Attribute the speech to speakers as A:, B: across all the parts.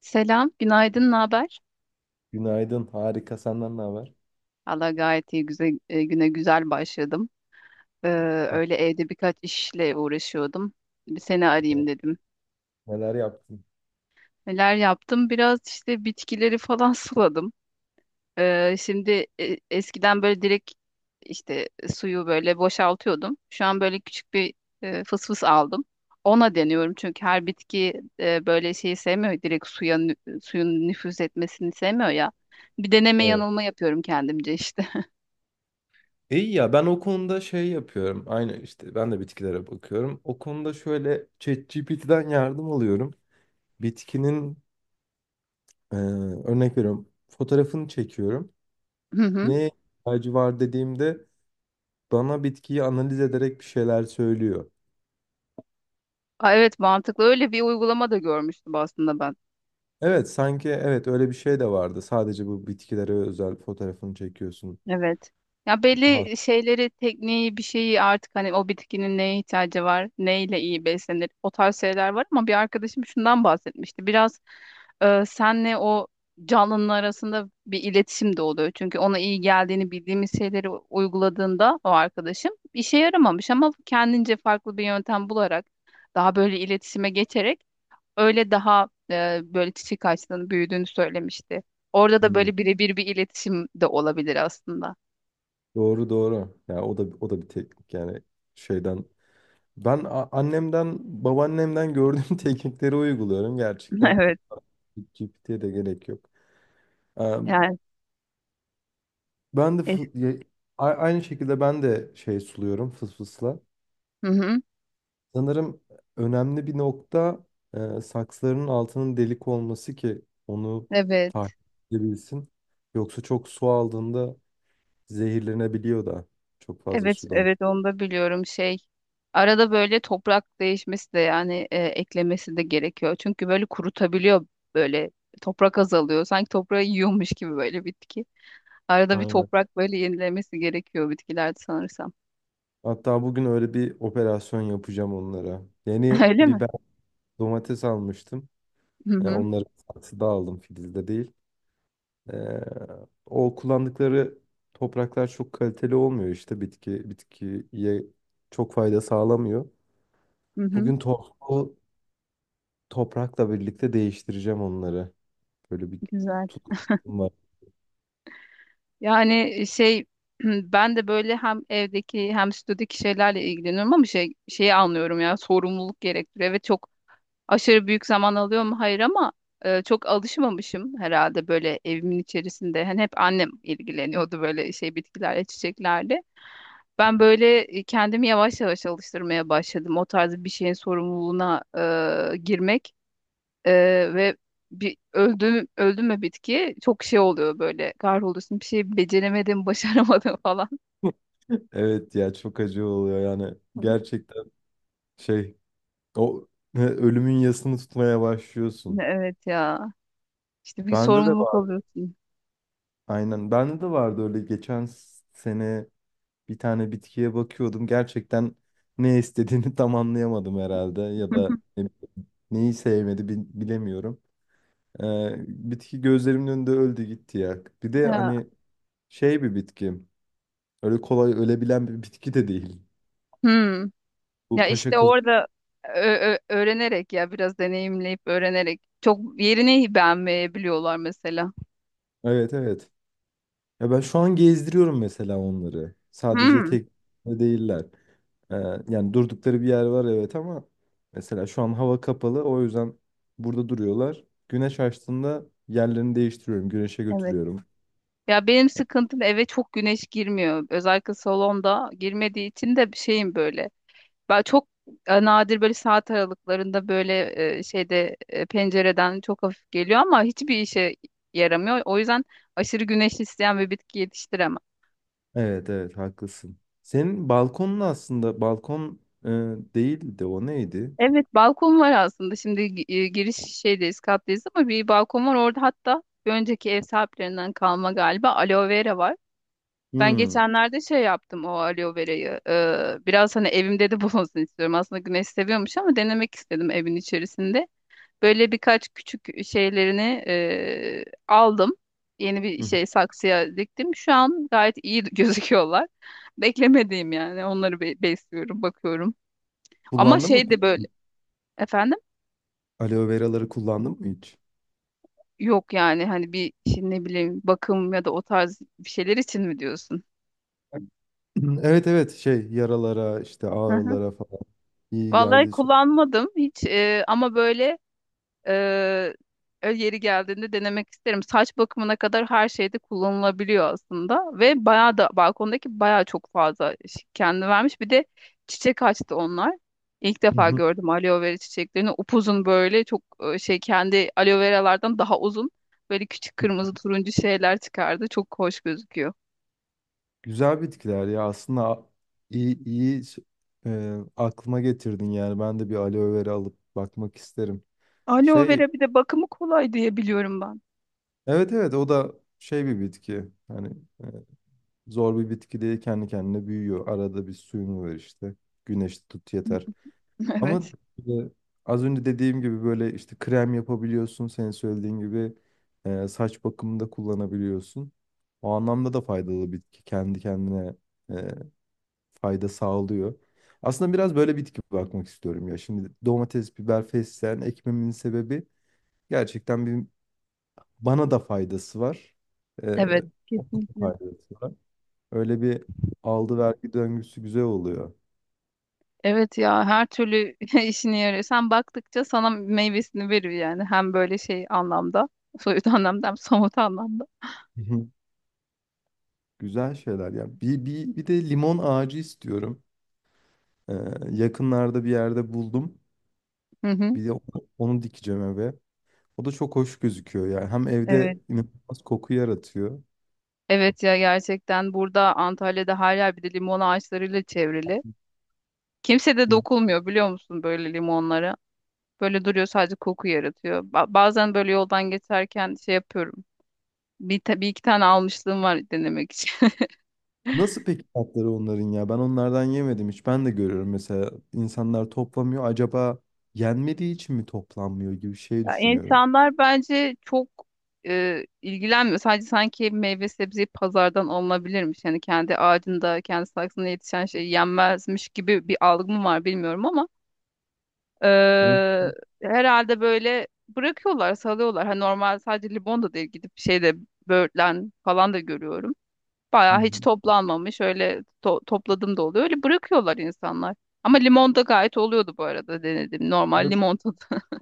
A: Selam, günaydın, ne haber?
B: Günaydın. Harika. Senden ne haber?
A: Allah gayet iyi, güzel, güne güzel başladım. Ee,
B: Ah,
A: öyle evde birkaç işle uğraşıyordum. Bir seni arayayım dedim.
B: Neler yaptın?
A: Neler yaptım? Biraz işte bitkileri falan suladım. Şimdi eskiden böyle direkt işte suyu böyle boşaltıyordum. Şu an böyle küçük bir fısfıs aldım. Ona deniyorum çünkü her bitki böyle şeyi sevmiyor. Direkt suya suyun nüfuz etmesini sevmiyor ya. Bir deneme
B: Evet.
A: yanılma yapıyorum kendimce işte.
B: İyi ya ben o konuda şey yapıyorum. Aynı işte ben de bitkilere bakıyorum. O konuda şöyle ChatGPT'den yardım alıyorum. Bitkinin e, örnek veriyorum. Fotoğrafını çekiyorum.
A: Hı hı.
B: Neye ihtiyacı var dediğimde bana bitkiyi analiz ederek bir şeyler söylüyor.
A: Aa, evet, mantıklı. Öyle bir uygulama da görmüştüm aslında ben.
B: Evet, sanki evet öyle bir şey de vardı. Sadece bu bitkilere özel fotoğrafını çekiyorsun.
A: Evet. Ya
B: Ha,
A: belli şeyleri, tekniği, bir şeyi artık hani o bitkinin neye ihtiyacı var, neyle iyi beslenir, o tarz şeyler var ama bir arkadaşım şundan bahsetmişti. Biraz senle o canlının arasında bir iletişim de oluyor. Çünkü ona iyi geldiğini bildiğimiz şeyleri uyguladığında o arkadaşım işe yaramamış ama kendince farklı bir yöntem bularak daha böyle iletişime geçerek öyle daha böyle çiçek ağaçlarının büyüdüğünü söylemişti. Orada da
B: hmm.
A: böyle birebir bir iletişim de olabilir aslında.
B: Doğru doğru. Ya o da o da bir teknik yani şeyden annemden, babaannemden gördüğüm teknikleri uyguluyorum gerçekten.
A: Evet
B: GPT'ye de gerek yok. Eee,
A: yani.
B: Ben de
A: e,
B: fı- ya- a- aynı şekilde ben de şey suluyorum fısfısla.
A: hı hı,
B: Sanırım önemli bir nokta saksıların altının delik olması ki onu
A: evet.
B: takip edebilsin. Yoksa çok su aldığında zehirlenebiliyor da çok fazla
A: Evet,
B: sudan.
A: evet, onu da biliyorum şey. Arada böyle toprak değişmesi de yani eklemesi de gerekiyor. Çünkü böyle kurutabiliyor böyle toprak azalıyor. Sanki toprağı yiyormuş gibi böyle bitki. Arada bir
B: Aynen.
A: toprak böyle yenilemesi gerekiyor bitkilerde sanırsam.
B: Hatta bugün öyle bir operasyon yapacağım onlara. Yeni
A: Öyle mi?
B: biber, domates almıştım.
A: Hı hı.
B: Onları saksıda aldım, filizde değil. E, o kullandıkları topraklar çok kaliteli olmuyor, işte bitki bitkiye çok fayda sağlamıyor.
A: Hı hı.
B: Bugün tohumlu toprakla birlikte değiştireceğim onları. Böyle bir
A: Güzel.
B: tutkum var.
A: Yani şey ben de böyle hem evdeki hem stüdyodaki şeylerle ilgileniyorum ama şey şeyi anlıyorum ya sorumluluk gerektiriyor. Evet, çok aşırı büyük zaman alıyor mu? Hayır ama çok alışmamışım herhalde böyle evimin içerisinde. Hani hep annem ilgileniyordu böyle şey bitkilerle, çiçeklerle. Ben böyle kendimi yavaş yavaş alıştırmaya başladım. O tarz bir şeyin sorumluluğuna girmek. Ve bir öldü mü bitki çok şey oluyor böyle kahroluyorsun bir şey beceremedim başaramadım falan.
B: Evet ya, çok acı oluyor yani gerçekten, şey o ölümün yasını tutmaya başlıyorsun.
A: Evet ya, işte bir
B: Bende de
A: sorumluluk
B: vardı,
A: alıyorsun.
B: aynen bende de vardı. Öyle geçen sene bir tane bitkiye bakıyordum. Gerçekten ne istediğini tam anlayamadım herhalde, ya da neyi sevmedi bilemiyorum. Ee, bitki gözlerimin önünde öldü gitti ya. Bir de
A: Ya.
B: hani şey bir bitki. Öyle kolay ölebilen bir bitki de değil.
A: Hmm.
B: Bu
A: Ya
B: paşa
A: işte
B: kılıcı.
A: orada öğrenerek ya biraz deneyimleyip öğrenerek çok yerini beğenmeyebiliyorlar mesela.
B: Evet evet. Ya ben şu an gezdiriyorum mesela onları. Sadece
A: Hmm.
B: tek değiller. Ee, yani durdukları bir yer var evet, ama mesela şu an hava kapalı, o yüzden burada duruyorlar. Güneş açtığında yerlerini değiştiriyorum, güneşe
A: Evet.
B: götürüyorum.
A: Ya benim sıkıntım eve çok güneş girmiyor. Özellikle salonda girmediği için de bir şeyim böyle. Ben çok nadir böyle saat aralıklarında böyle şeyde pencereden çok hafif geliyor ama hiçbir işe yaramıyor. O yüzden aşırı güneş isteyen bir bitki yetiştiremem.
B: Evet evet haklısın. Senin balkonun aslında balkon değildi, o neydi?
A: Evet, balkon var aslında. Şimdi giriş şeydeyiz, kattayız ama bir balkon var orada, hatta bir önceki ev sahiplerinden kalma galiba aloe vera var. Ben
B: Hmm.
A: geçenlerde şey yaptım o aloe verayı. Biraz hani evimde de bulunsun istiyorum. Aslında güneş seviyormuş ama denemek istedim evin içerisinde. Böyle birkaç küçük şeylerini aldım. Yeni bir
B: Hı hı.
A: şey saksıya diktim. Şu an gayet iyi gözüküyorlar. Beklemediğim yani. Onları besliyorum, bakıyorum. Ama
B: Kullandın mı
A: şey de
B: peki?
A: böyle efendim,
B: Aloe veraları kullandın mı hiç?
A: yok yani hani bir şimdi ne bileyim bakım ya da o tarz bir şeyler için mi diyorsun?
B: Evet evet, şey yaralara, işte
A: Hı hı.
B: ağrılara falan iyi
A: Vallahi
B: geldi.
A: kullanmadım hiç, ama böyle Ee, yeri geldiğinde denemek isterim. Saç bakımına kadar her şeyde kullanılabiliyor aslında ve bayağı da balkondaki bayağı çok fazla kendi vermiş. Bir de çiçek açtı onlar. İlk
B: Hı
A: defa
B: hı.
A: gördüm aloe vera çiçeklerini. Upuzun böyle çok şey kendi aloe veralardan daha uzun böyle küçük kırmızı turuncu şeyler çıkardı. Çok hoş gözüküyor.
B: Güzel bitkiler ya aslında, iyi iyi aklıma getirdin yani, ben de bir aloe vera alıp bakmak isterim.
A: Aloe
B: Şey
A: vera bir de bakımı kolay diye biliyorum ben.
B: evet evet, o da şey bir bitki hani, e, zor bir bitki değil, kendi kendine büyüyor, arada bir suyunu ver işte, güneş tut yeter. Ama
A: Evet.
B: e, az önce dediğim gibi böyle işte krem yapabiliyorsun. Senin söylediğin gibi saç bakımında kullanabiliyorsun. O anlamda da faydalı bitki. Kendi kendine e, fayda sağlıyor. Aslında biraz böyle bitki bakmak istiyorum ya. Şimdi domates, biber, fesleğen ekmemin sebebi gerçekten bir, bana da faydası var. E,
A: Evet.
B: ona da
A: Kesinlikle.
B: faydası var. Öyle bir aldı vergi döngüsü güzel oluyor.
A: Evet ya, her türlü işine yarıyor. Sen baktıkça sana meyvesini veriyor yani. Hem böyle şey anlamda, soyut anlamda, hem somut anlamda.
B: Hı hı. Güzel şeyler ya. Bir de limon ağacı istiyorum. Ee, yakınlarda bir yerde buldum.
A: Hı hı.
B: Bir de onu dikeceğim eve. O da çok hoş gözüküyor yani. Hem evde
A: Evet.
B: inanılmaz koku yaratıyor.
A: Evet ya, gerçekten burada Antalya'da her yer bir de limon ağaçlarıyla çevrili. Kimse de dokulmuyor biliyor musun böyle limonlara. Böyle duruyor sadece koku yaratıyor. Bazen böyle yoldan geçerken şey yapıyorum. Bir, bir iki tane almışlığım var denemek için.
B: Nasıl peki tatları onların ya? Ben onlardan yemedim hiç. Ben de görüyorum mesela, insanlar toplamıyor. Acaba yenmediği için mi toplanmıyor gibi şey
A: Ya
B: düşünüyorum.
A: insanlar bence çok ilgilenmiyor. Sadece sanki meyve sebzeyi pazardan alınabilirmiş. Yani kendi ağacında, kendi saksında yetişen şey yenmezmiş gibi bir algı mı var bilmiyorum ama
B: Hı
A: e, herhalde böyle bırakıyorlar, salıyorlar. Hani normal sadece limon da değil, gidip şeyde böğürtlen falan da görüyorum. Bayağı hiç
B: hı.
A: toplanmamış. Öyle topladım da oluyor. Öyle bırakıyorlar insanlar. Ama limon da gayet oluyordu bu arada, denedim.
B: Ve
A: Normal limon tadı.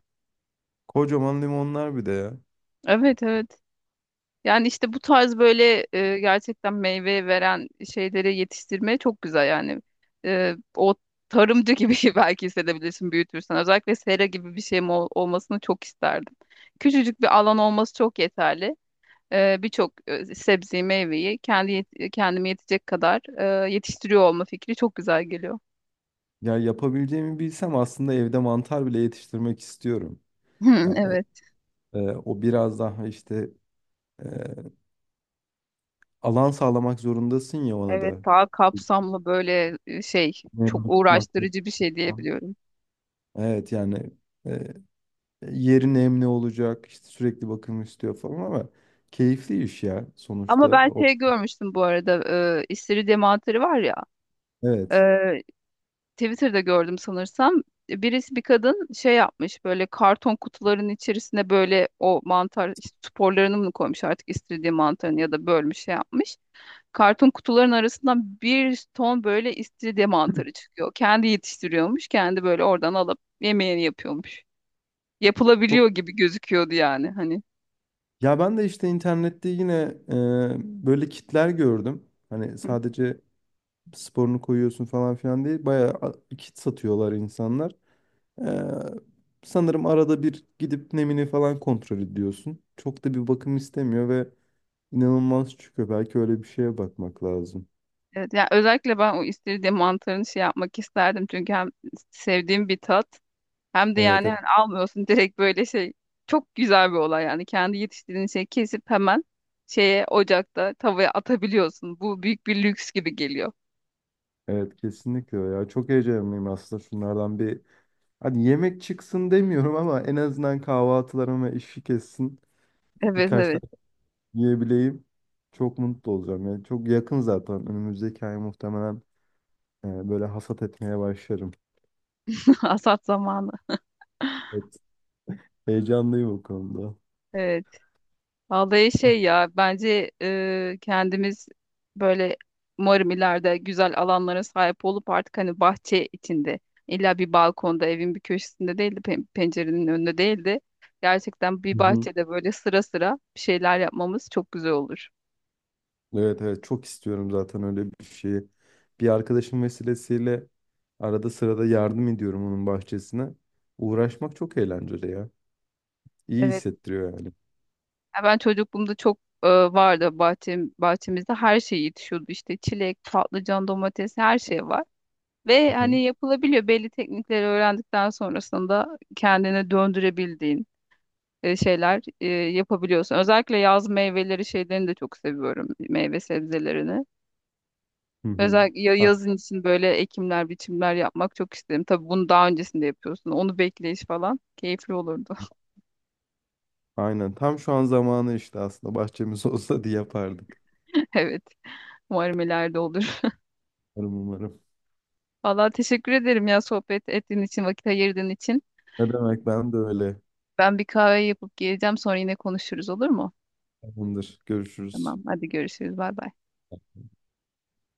B: kocaman limonlar bir de ya.
A: Evet, evet. Yani işte bu tarz böyle gerçekten meyve veren şeyleri yetiştirmeye çok güzel yani. E, o tarımcı gibi belki hissedebilirsin büyütürsen. Özellikle sera gibi bir şeyim olmasını çok isterdim. Küçücük bir alan olması çok yeterli. E, birçok sebzeyi, meyveyi kendi kendime yetecek kadar yetiştiriyor olma fikri çok güzel geliyor.
B: Ya yapabileceğimi bilsem aslında evde mantar bile yetiştirmek istiyorum.
A: Hmm,
B: Yani
A: evet.
B: o biraz daha işte e, alan sağlamak zorundasın ya ona
A: Evet,
B: da.
A: daha kapsamlı böyle şey çok
B: Nemli tutmak
A: uğraştırıcı bir şey
B: falan.
A: diyebiliyorum.
B: Evet yani e, yeri nemli olacak, işte sürekli bakım istiyor falan, ama keyifli iş ya sonuçta.
A: Ama ben
B: O,
A: şey görmüştüm bu arada, istiridye mantarı var ya, e,
B: evet.
A: Twitter'da gördüm sanırsam, birisi bir kadın şey yapmış böyle karton kutuların içerisine böyle o mantar işte sporlarını mı koymuş artık istiridye mantarını ya da bölmüş şey yapmış. Karton kutuların arasından bir ton böyle istiridye mantarı çıkıyor. Kendi yetiştiriyormuş, kendi böyle oradan alıp yemeğini yapıyormuş.
B: Çok
A: Yapılabiliyor gibi gözüküyordu yani hani.
B: ya, ben de işte internette yine böyle kitler gördüm. Hani sadece sporunu koyuyorsun falan filan değil. Bayağı kit satıyorlar insanlar. E, sanırım arada bir gidip nemini falan kontrol ediyorsun. Çok da bir bakım istemiyor ve İnanılmaz çıkıyor. Belki öyle bir şeye bakmak lazım.
A: Evet, yani özellikle ben o istiridye mantarını şey yapmak isterdim. Çünkü hem sevdiğim bir tat, hem de
B: Evet,
A: yani
B: evet,
A: hani almıyorsun direkt böyle şey. Çok güzel bir olay yani. Kendi yetiştirdiğin şeyi kesip hemen şeye ocakta tavaya atabiliyorsun. Bu büyük bir lüks gibi geliyor.
B: evet kesinlikle öyle ya. Çok heyecanlıyım aslında şunlardan bir. Hadi yemek çıksın demiyorum ama en azından kahvaltılarıma işi kessin.
A: Evet,
B: Birkaç
A: evet.
B: tane yiyebileyim. Çok mutlu olacağım. Yani çok yakın zaten. Önümüzdeki ay muhtemelen böyle hasat etmeye başlarım.
A: Hasat zamanı.
B: Evet, heyecanlıyım o konuda.
A: Evet. Vallahi şey ya, bence kendimiz böyle umarım ileride güzel alanlara sahip olup artık hani bahçe içinde illa bir balkonda evin bir köşesinde değildi, pencerenin önünde değildi. Gerçekten
B: Hı
A: bir
B: hı.
A: bahçede böyle sıra sıra bir şeyler yapmamız çok güzel olur.
B: Evet evet, çok istiyorum zaten öyle bir şeyi. Bir arkadaşım vesilesiyle arada sırada yardım ediyorum onun bahçesine. Uğraşmak çok eğlenceli ya. İyi
A: Evet.
B: hissettiriyor yani.
A: Ya ben çocukluğumda çok vardı bahçem, bahçemizde her şey yetişiyordu işte çilek, patlıcan, domates, her şey var.
B: Hı
A: Ve
B: hı.
A: hani yapılabiliyor belli teknikleri öğrendikten sonrasında kendine döndürebildiğin. Şeyler yapabiliyorsun. Özellikle yaz meyveleri şeylerini de çok seviyorum. Meyve sebzelerini.
B: Hı hı.
A: Özellikle
B: Ha,
A: yazın için böyle ekimler, biçimler yapmak çok isterim. Tabii bunu daha öncesinde yapıyorsun. Onu bekleyiş falan keyifli olurdu.
B: aynen. Tam şu an zamanı, işte aslında bahçemiz olsa diye yapardık.
A: Evet. Umarım ileride olur.
B: Umarım umarım.
A: Valla, teşekkür ederim ya, sohbet ettiğin için, vakit ayırdığın için.
B: Ne demek, ben de öyle.
A: Ben bir kahve yapıp geleceğim, sonra yine konuşuruz, olur mu?
B: Tamamdır. Görüşürüz.
A: Tamam. Hadi görüşürüz. Bay bay.